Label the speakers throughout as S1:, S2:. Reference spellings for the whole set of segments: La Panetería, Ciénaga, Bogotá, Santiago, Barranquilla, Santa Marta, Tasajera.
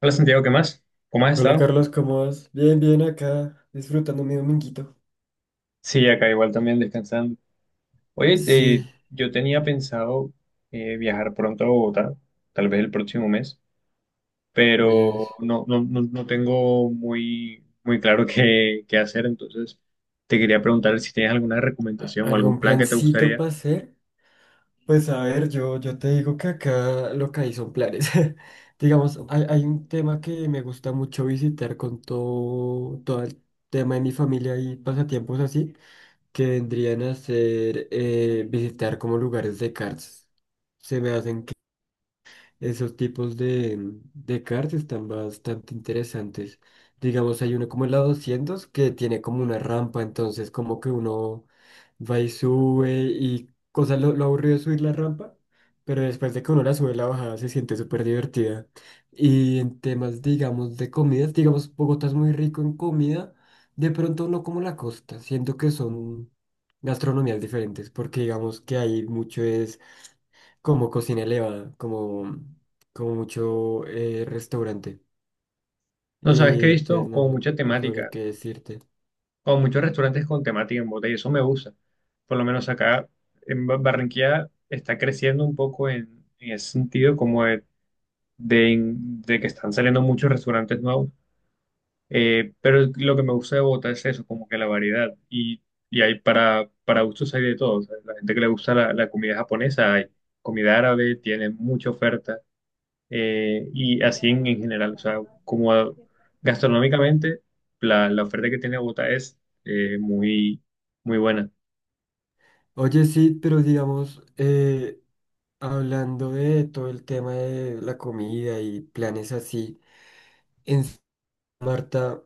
S1: Hola Santiago, ¿qué más? ¿Cómo has
S2: Hola
S1: estado?
S2: Carlos, ¿cómo vas? Bien, bien acá, disfrutando mi dominguito.
S1: Sí, acá igual también descansando. Oye,
S2: Sí,
S1: yo tenía pensado viajar pronto a Bogotá, tal vez el próximo mes,
S2: oye,
S1: pero no, no, no, no tengo muy, muy claro qué hacer, entonces te quería preguntar si tienes alguna recomendación o algún
S2: ¿Algún
S1: plan que te
S2: plancito
S1: gustaría.
S2: para hacer? Pues a ver, yo te digo que acá lo que hay son planes. Digamos, hay un tema que me gusta mucho visitar con todo, todo el tema de mi familia y pasatiempos así, que vendrían a ser visitar como lugares de karts. Se me hacen esos tipos de, cards están bastante interesantes. Digamos, hay uno como el la 200 que tiene como una rampa, entonces como que uno va y sube y cosa lo aburrido es subir la rampa, pero después de que uno la sube, la bajada se siente súper divertida. Y en temas, digamos, de comidas, digamos, Bogotá es muy rico en comida, de pronto no como la costa, siento que son gastronomías diferentes, porque digamos que hay mucho es como cocina elevada, como mucho restaurante.
S1: No sabes que he
S2: Y entonces
S1: visto como
S2: no,
S1: mucha
S2: no sabría
S1: temática,
S2: qué decirte.
S1: como muchos restaurantes con temática en Bogotá y eso me gusta. Por lo menos acá en Barranquilla está creciendo un poco en ese sentido como de de, de que están saliendo muchos restaurantes nuevos, pero lo que me gusta de Bogotá es eso, como que la variedad y hay para gustos hay de todo, o sea, la gente que le gusta la comida japonesa, hay comida árabe, tiene mucha oferta, y así en general, o sea, como a- gastronómicamente la oferta que tiene Bogotá es, muy, muy buena.
S2: Oye, sí, pero digamos, hablando de todo el tema de la comida y planes así, en Santa Marta,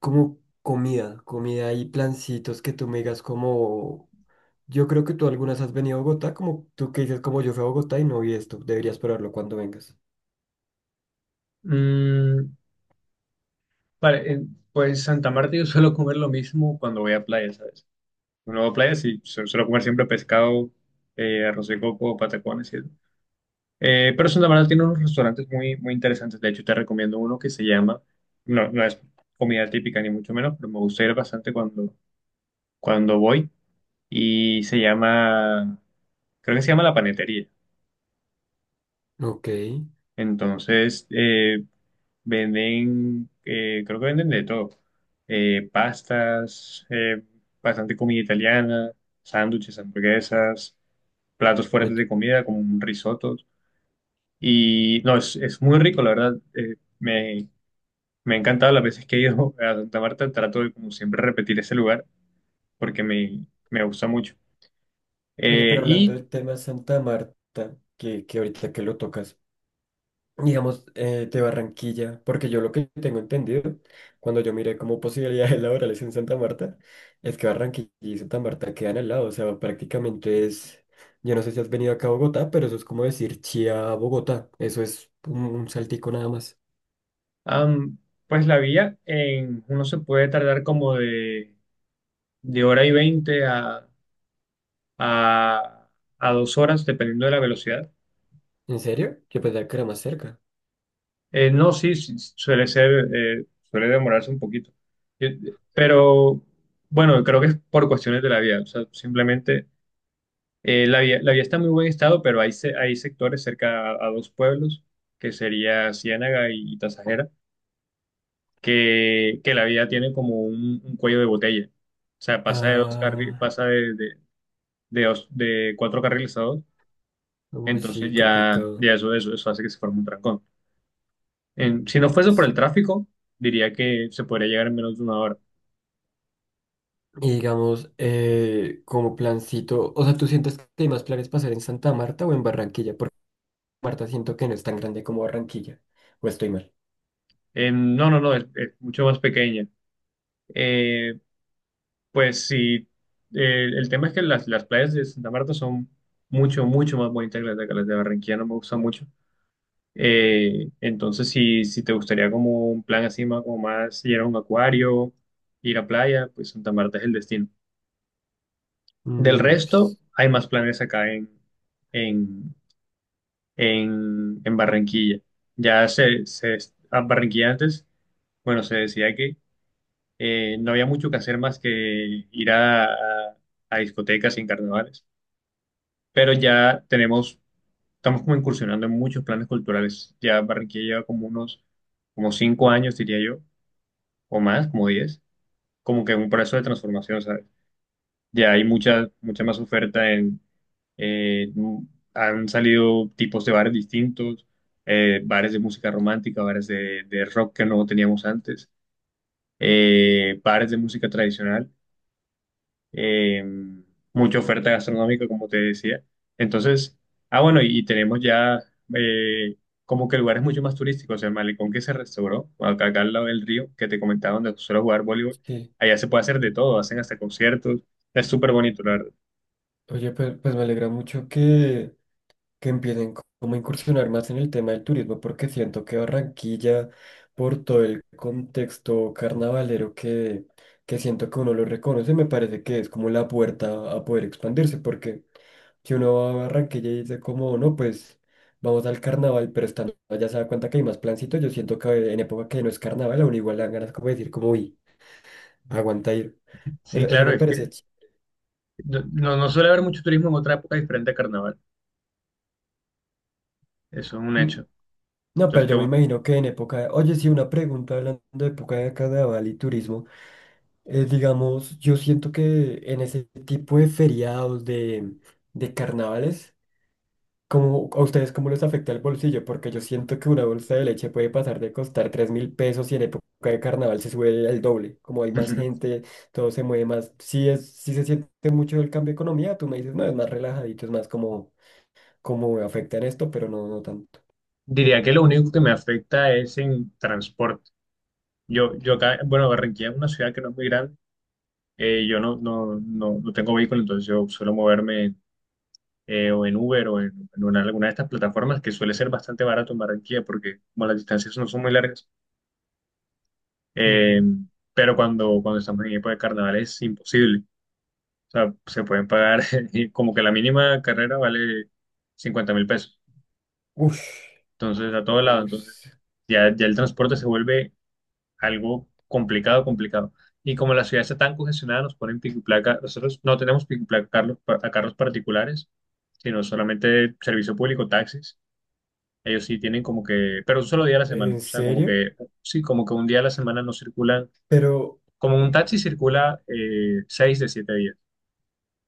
S2: como comida, comida y plancitos que tú me digas como, yo creo que tú algunas has venido a Bogotá, como tú que dices como yo fui a Bogotá y no vi esto, deberías probarlo cuando vengas.
S1: Mm, vale, pues Santa Marta yo suelo comer lo mismo cuando voy a playa, ¿sabes? Un nuevo playa, sí, se suelo comer siempre pescado, arroz de coco, patacones y eso. Pero Santa Marta tiene unos restaurantes muy, muy interesantes. De hecho, te recomiendo uno que se llama, no, no es comida típica ni mucho menos, pero me gusta ir bastante cuando voy. Y se llama, creo que se llama La Panetería.
S2: Ok,
S1: Entonces, venden, creo que venden de todo. Pastas, bastante comida italiana, sándwiches, hamburguesas, platos
S2: oye,
S1: fuertes de comida, como un risotto. Y no, es, muy rico, la verdad. Me ha encantado las veces que he ido a Santa Marta. Trato de, como siempre, repetir ese lugar porque me gusta mucho.
S2: Oye,
S1: Eh,
S2: pero hablando
S1: y
S2: del tema Santa Marta, que ahorita que lo tocas, digamos, de Barranquilla, porque yo lo que tengo entendido, cuando yo miré como posibilidades laborales en Santa Marta, es que Barranquilla y Santa Marta quedan al lado, o sea, prácticamente es, yo no sé si has venido acá a Bogotá, pero eso es como decir Chía a Bogotá, eso es un saltico nada más.
S1: am, pues la vía, uno se puede tardar como de hora y veinte a, a 2 horas, dependiendo de la velocidad.
S2: ¿En serio? Yo pensaba que era más cerca.
S1: No, sí, sí, suele demorarse un poquito. Yo- pero bueno, creo que es por cuestiones de la vía. O sea, simplemente, la vía está en muy buen estado, pero hay sectores cerca a dos pueblos, que sería Ciénaga y Tasajera, que la vía tiene como un cuello de botella. O sea,
S2: Ah,
S1: pasa de 4 carriles a dos.
S2: uy,
S1: Entonces
S2: sí,
S1: ya,
S2: complicado.
S1: ya eso hace que se forme un trancón. Si no fuese por el tráfico, diría que se podría llegar en menos de una hora.
S2: Y digamos, como plancito, o sea, ¿tú sientes que hay más planes para hacer en Santa Marta o en Barranquilla? Porque Marta siento que no es tan grande como Barranquilla. ¿O estoy mal?
S1: No, no, no, es mucho más pequeña. Eh, pues sí, el tema es que las playas de Santa Marta son mucho, mucho más bonitas que las de Barranquilla, no me gustan mucho. Entonces, si te gustaría como un plan así, más, como más ir a un acuario, ir a playa, pues Santa Marta es el destino. Del
S2: Mm,
S1: resto, hay más planes acá en, en Barranquilla. Ya a Barranquilla antes, bueno, se decía que, no había mucho que hacer más que ir a discotecas y en carnavales, pero ya estamos como incursionando en muchos planes culturales. Ya Barranquilla lleva como 5 años, diría yo, o más, como 10, como que un proceso de transformación, ¿sabes? Ya hay mucha, mucha más oferta. Eh, mm, Han salido tipos de bares distintos, bares de música romántica, bares de rock que no teníamos antes, bares de música tradicional, eh, mucha oferta gastronómica, como te decía. Entonces, bueno, y tenemos ya, eh, como que lugares mucho más turísticos, el malecón que se restauró, acá al lado del río, que te comentaba, donde suelo jugar voleibol,
S2: sí.
S1: allá se puede hacer de todo, hacen hasta conciertos, es súper bonito, la verdad.
S2: Oye, pues me alegra mucho que, empiecen como a incursionar más en el tema del turismo, porque siento que Barranquilla, por todo el contexto carnavalero que siento que uno lo reconoce, me parece que es como la puerta a poder expandirse, porque que uno va a Barranquilla y dice como, no, pues vamos al carnaval, pero estando allá se da cuenta que hay más plancito, yo siento que en época que no es carnaval, a uno igual le dan ganas como de decir como, uy, aguanta ir.
S1: Sí,
S2: Eso
S1: claro,
S2: me
S1: es que...
S2: parece...
S1: No suele haber mucho turismo en otra época diferente a carnaval. Eso es un
S2: Mm,
S1: hecho.
S2: no, pero
S1: Entonces, qué
S2: yo me
S1: bueno.
S2: imagino que en época de... Oye, sí, una pregunta hablando de época de carnaval y turismo. Digamos, yo siento que en ese tipo de feriados, de, carnavales, ¿cómo, a ustedes cómo les afecta el bolsillo? Porque yo siento que una bolsa de leche puede pasar de costar 3.000 pesos y en época de carnaval se sube al doble. Como hay más gente, todo se mueve más. Sí, sí se siente mucho el cambio de economía. Tú me dices, no, es más relajadito, es más como, como afecta en esto, pero no, no tanto.
S1: Diría que lo único que me afecta es en transporte. Yo acá, bueno, Barranquilla es una ciudad que no es muy grande. Yo no tengo vehículo, entonces yo suelo moverme, o en Uber o alguna de estas plataformas, que suele ser bastante barato en Barranquilla porque como las distancias no son muy largas. Eh,
S2: Ujú.
S1: pero cuando estamos en época de carnaval es imposible. O sea, se pueden pagar, y como que la mínima carrera vale 50.000 pesos.
S2: Ush,
S1: Entonces, a todo lado. Entonces,
S2: ush,
S1: ya el transporte se vuelve algo complicado, complicado. Y como la ciudad está tan congestionada, nos ponen pico y placa. Nosotros no tenemos pico y placa a carros particulares, sino solamente servicio público, taxis. Ellos sí tienen como que, pero un solo día a la semana.
S2: ¿en
S1: O sea, como
S2: serio?
S1: que, sí, como que un día a la semana no circulan.
S2: Pero,
S1: Como un taxi circula, seis de siete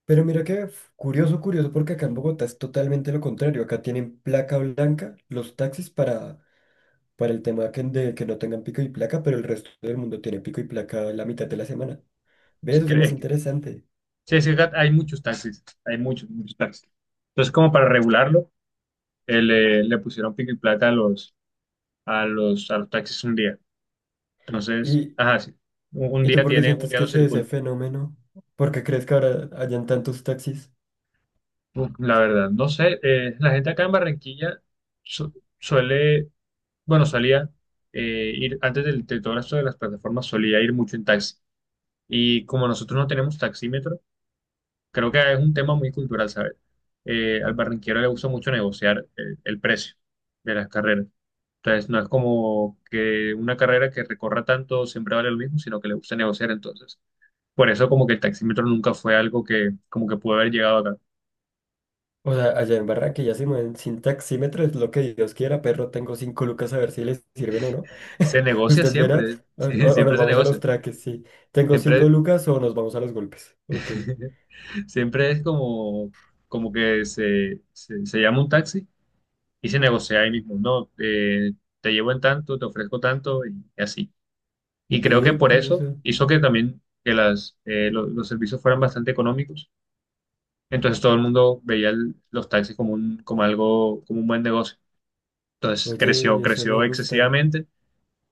S2: pero mira que curioso, curioso, porque acá en Bogotá es totalmente lo contrario. Acá tienen placa blanca los taxis para el tema de que no tengan pico y placa, pero el resto del mundo tiene pico y placa la mitad de la semana. Ve, eso es más
S1: días.
S2: interesante.
S1: Sí, sí, hay muchos taxis, hay muchos, muchos taxis. Entonces, como para regularlo, le pusieron pico y placa a los, a los taxis un día. Entonces,
S2: ¿Y,
S1: ajá, sí, un
S2: y tú
S1: día
S2: por qué
S1: un
S2: sientes
S1: día
S2: que
S1: no
S2: se ese
S1: circula.
S2: fenómeno? ¿Por qué crees que ahora hayan tantos taxis?
S1: Uf, la verdad, no sé, la gente acá en Barranquilla su- suele, bueno, solía, ir, antes de todo esto de las plataformas, solía ir mucho en taxi. Y como nosotros no tenemos taxímetro, creo que es un tema muy cultural, ¿sabes? Al barranquero le gusta mucho negociar, el precio de las carreras. Entonces, no es como que una carrera que recorra tanto siempre vale lo mismo, sino que le gusta negociar entonces. Por eso como que el taxímetro nunca fue algo que como que pudo haber llegado acá.
S2: O sea, allá en Barranquilla ya se mueven sin taxímetro, es lo que Dios quiera, perro, tengo cinco lucas a ver si les sirven o no.
S1: Se negocia
S2: Usted verá,
S1: siempre, sí,
S2: o nos
S1: siempre se
S2: vamos a los
S1: negocia.
S2: traques, sí. Tengo cinco
S1: Siempre,
S2: lucas o nos vamos a los golpes. Ok.
S1: siempre es como, que se llama un taxi y se negocia ahí mismo. No. Te llevo en tanto, te ofrezco tanto y, así. Y creo que
S2: Ve,
S1: por eso
S2: curioso.
S1: hizo que también que los servicios fueran bastante económicos. Entonces todo el mundo veía los taxis como un, como algo, como un buen negocio. Entonces creció,
S2: Oye, eso me
S1: creció
S2: gusta.
S1: excesivamente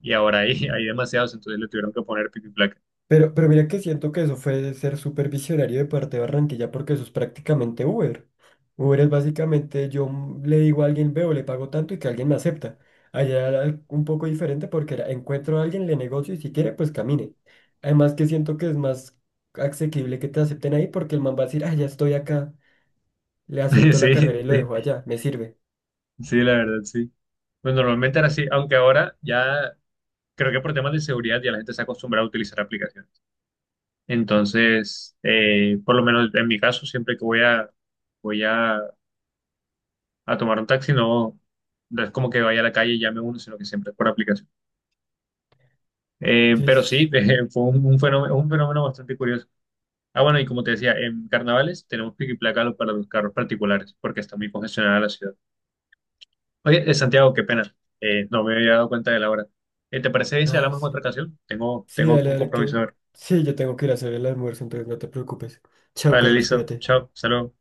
S1: y ahora hay, hay demasiados, entonces le tuvieron que poner pico y placa.
S2: Pero mira que siento que eso fue de ser súper visionario de parte de Barranquilla porque eso es prácticamente Uber. Uber es básicamente yo le digo a alguien, veo, le pago tanto y que alguien me acepta. Allá era un poco diferente porque era, encuentro a alguien, le negocio y si quiere, pues camine. Además que siento que es más asequible que te acepten ahí porque el man va a decir, ah, ya estoy acá, le
S1: Sí,
S2: acepto la
S1: sí,
S2: carrera y lo dejo allá, me sirve.
S1: sí, la verdad, sí. Pues normalmente era así, aunque ahora ya creo que por temas de seguridad ya la gente se ha acostumbrado a utilizar aplicaciones. Entonces, por lo menos en mi caso, siempre que voy a, a tomar un taxi, no, no es como que vaya a la calle y llame a uno, sino que siempre es por aplicación.
S2: Sí,
S1: Pero
S2: sí.
S1: sí, fue un fenómeno, un fenómeno bastante curioso. Ah, bueno, y como te decía, en carnavales tenemos placarlo para los carros particulares, porque está muy congestionada la ciudad. Oye, Santiago, qué pena, no me había dado cuenta de la hora. ¿Te parece bien si
S2: Ah,
S1: hablamos en otra
S2: sí.
S1: ocasión? Tengo,
S2: Sí,
S1: tengo
S2: dale,
S1: un
S2: dale,
S1: compromiso.
S2: que... Sí, yo tengo que ir a hacer el almuerzo, entonces no te preocupes. Chao,
S1: Vale,
S2: Carlos,
S1: listo.
S2: cuídate.
S1: Chao, saludos.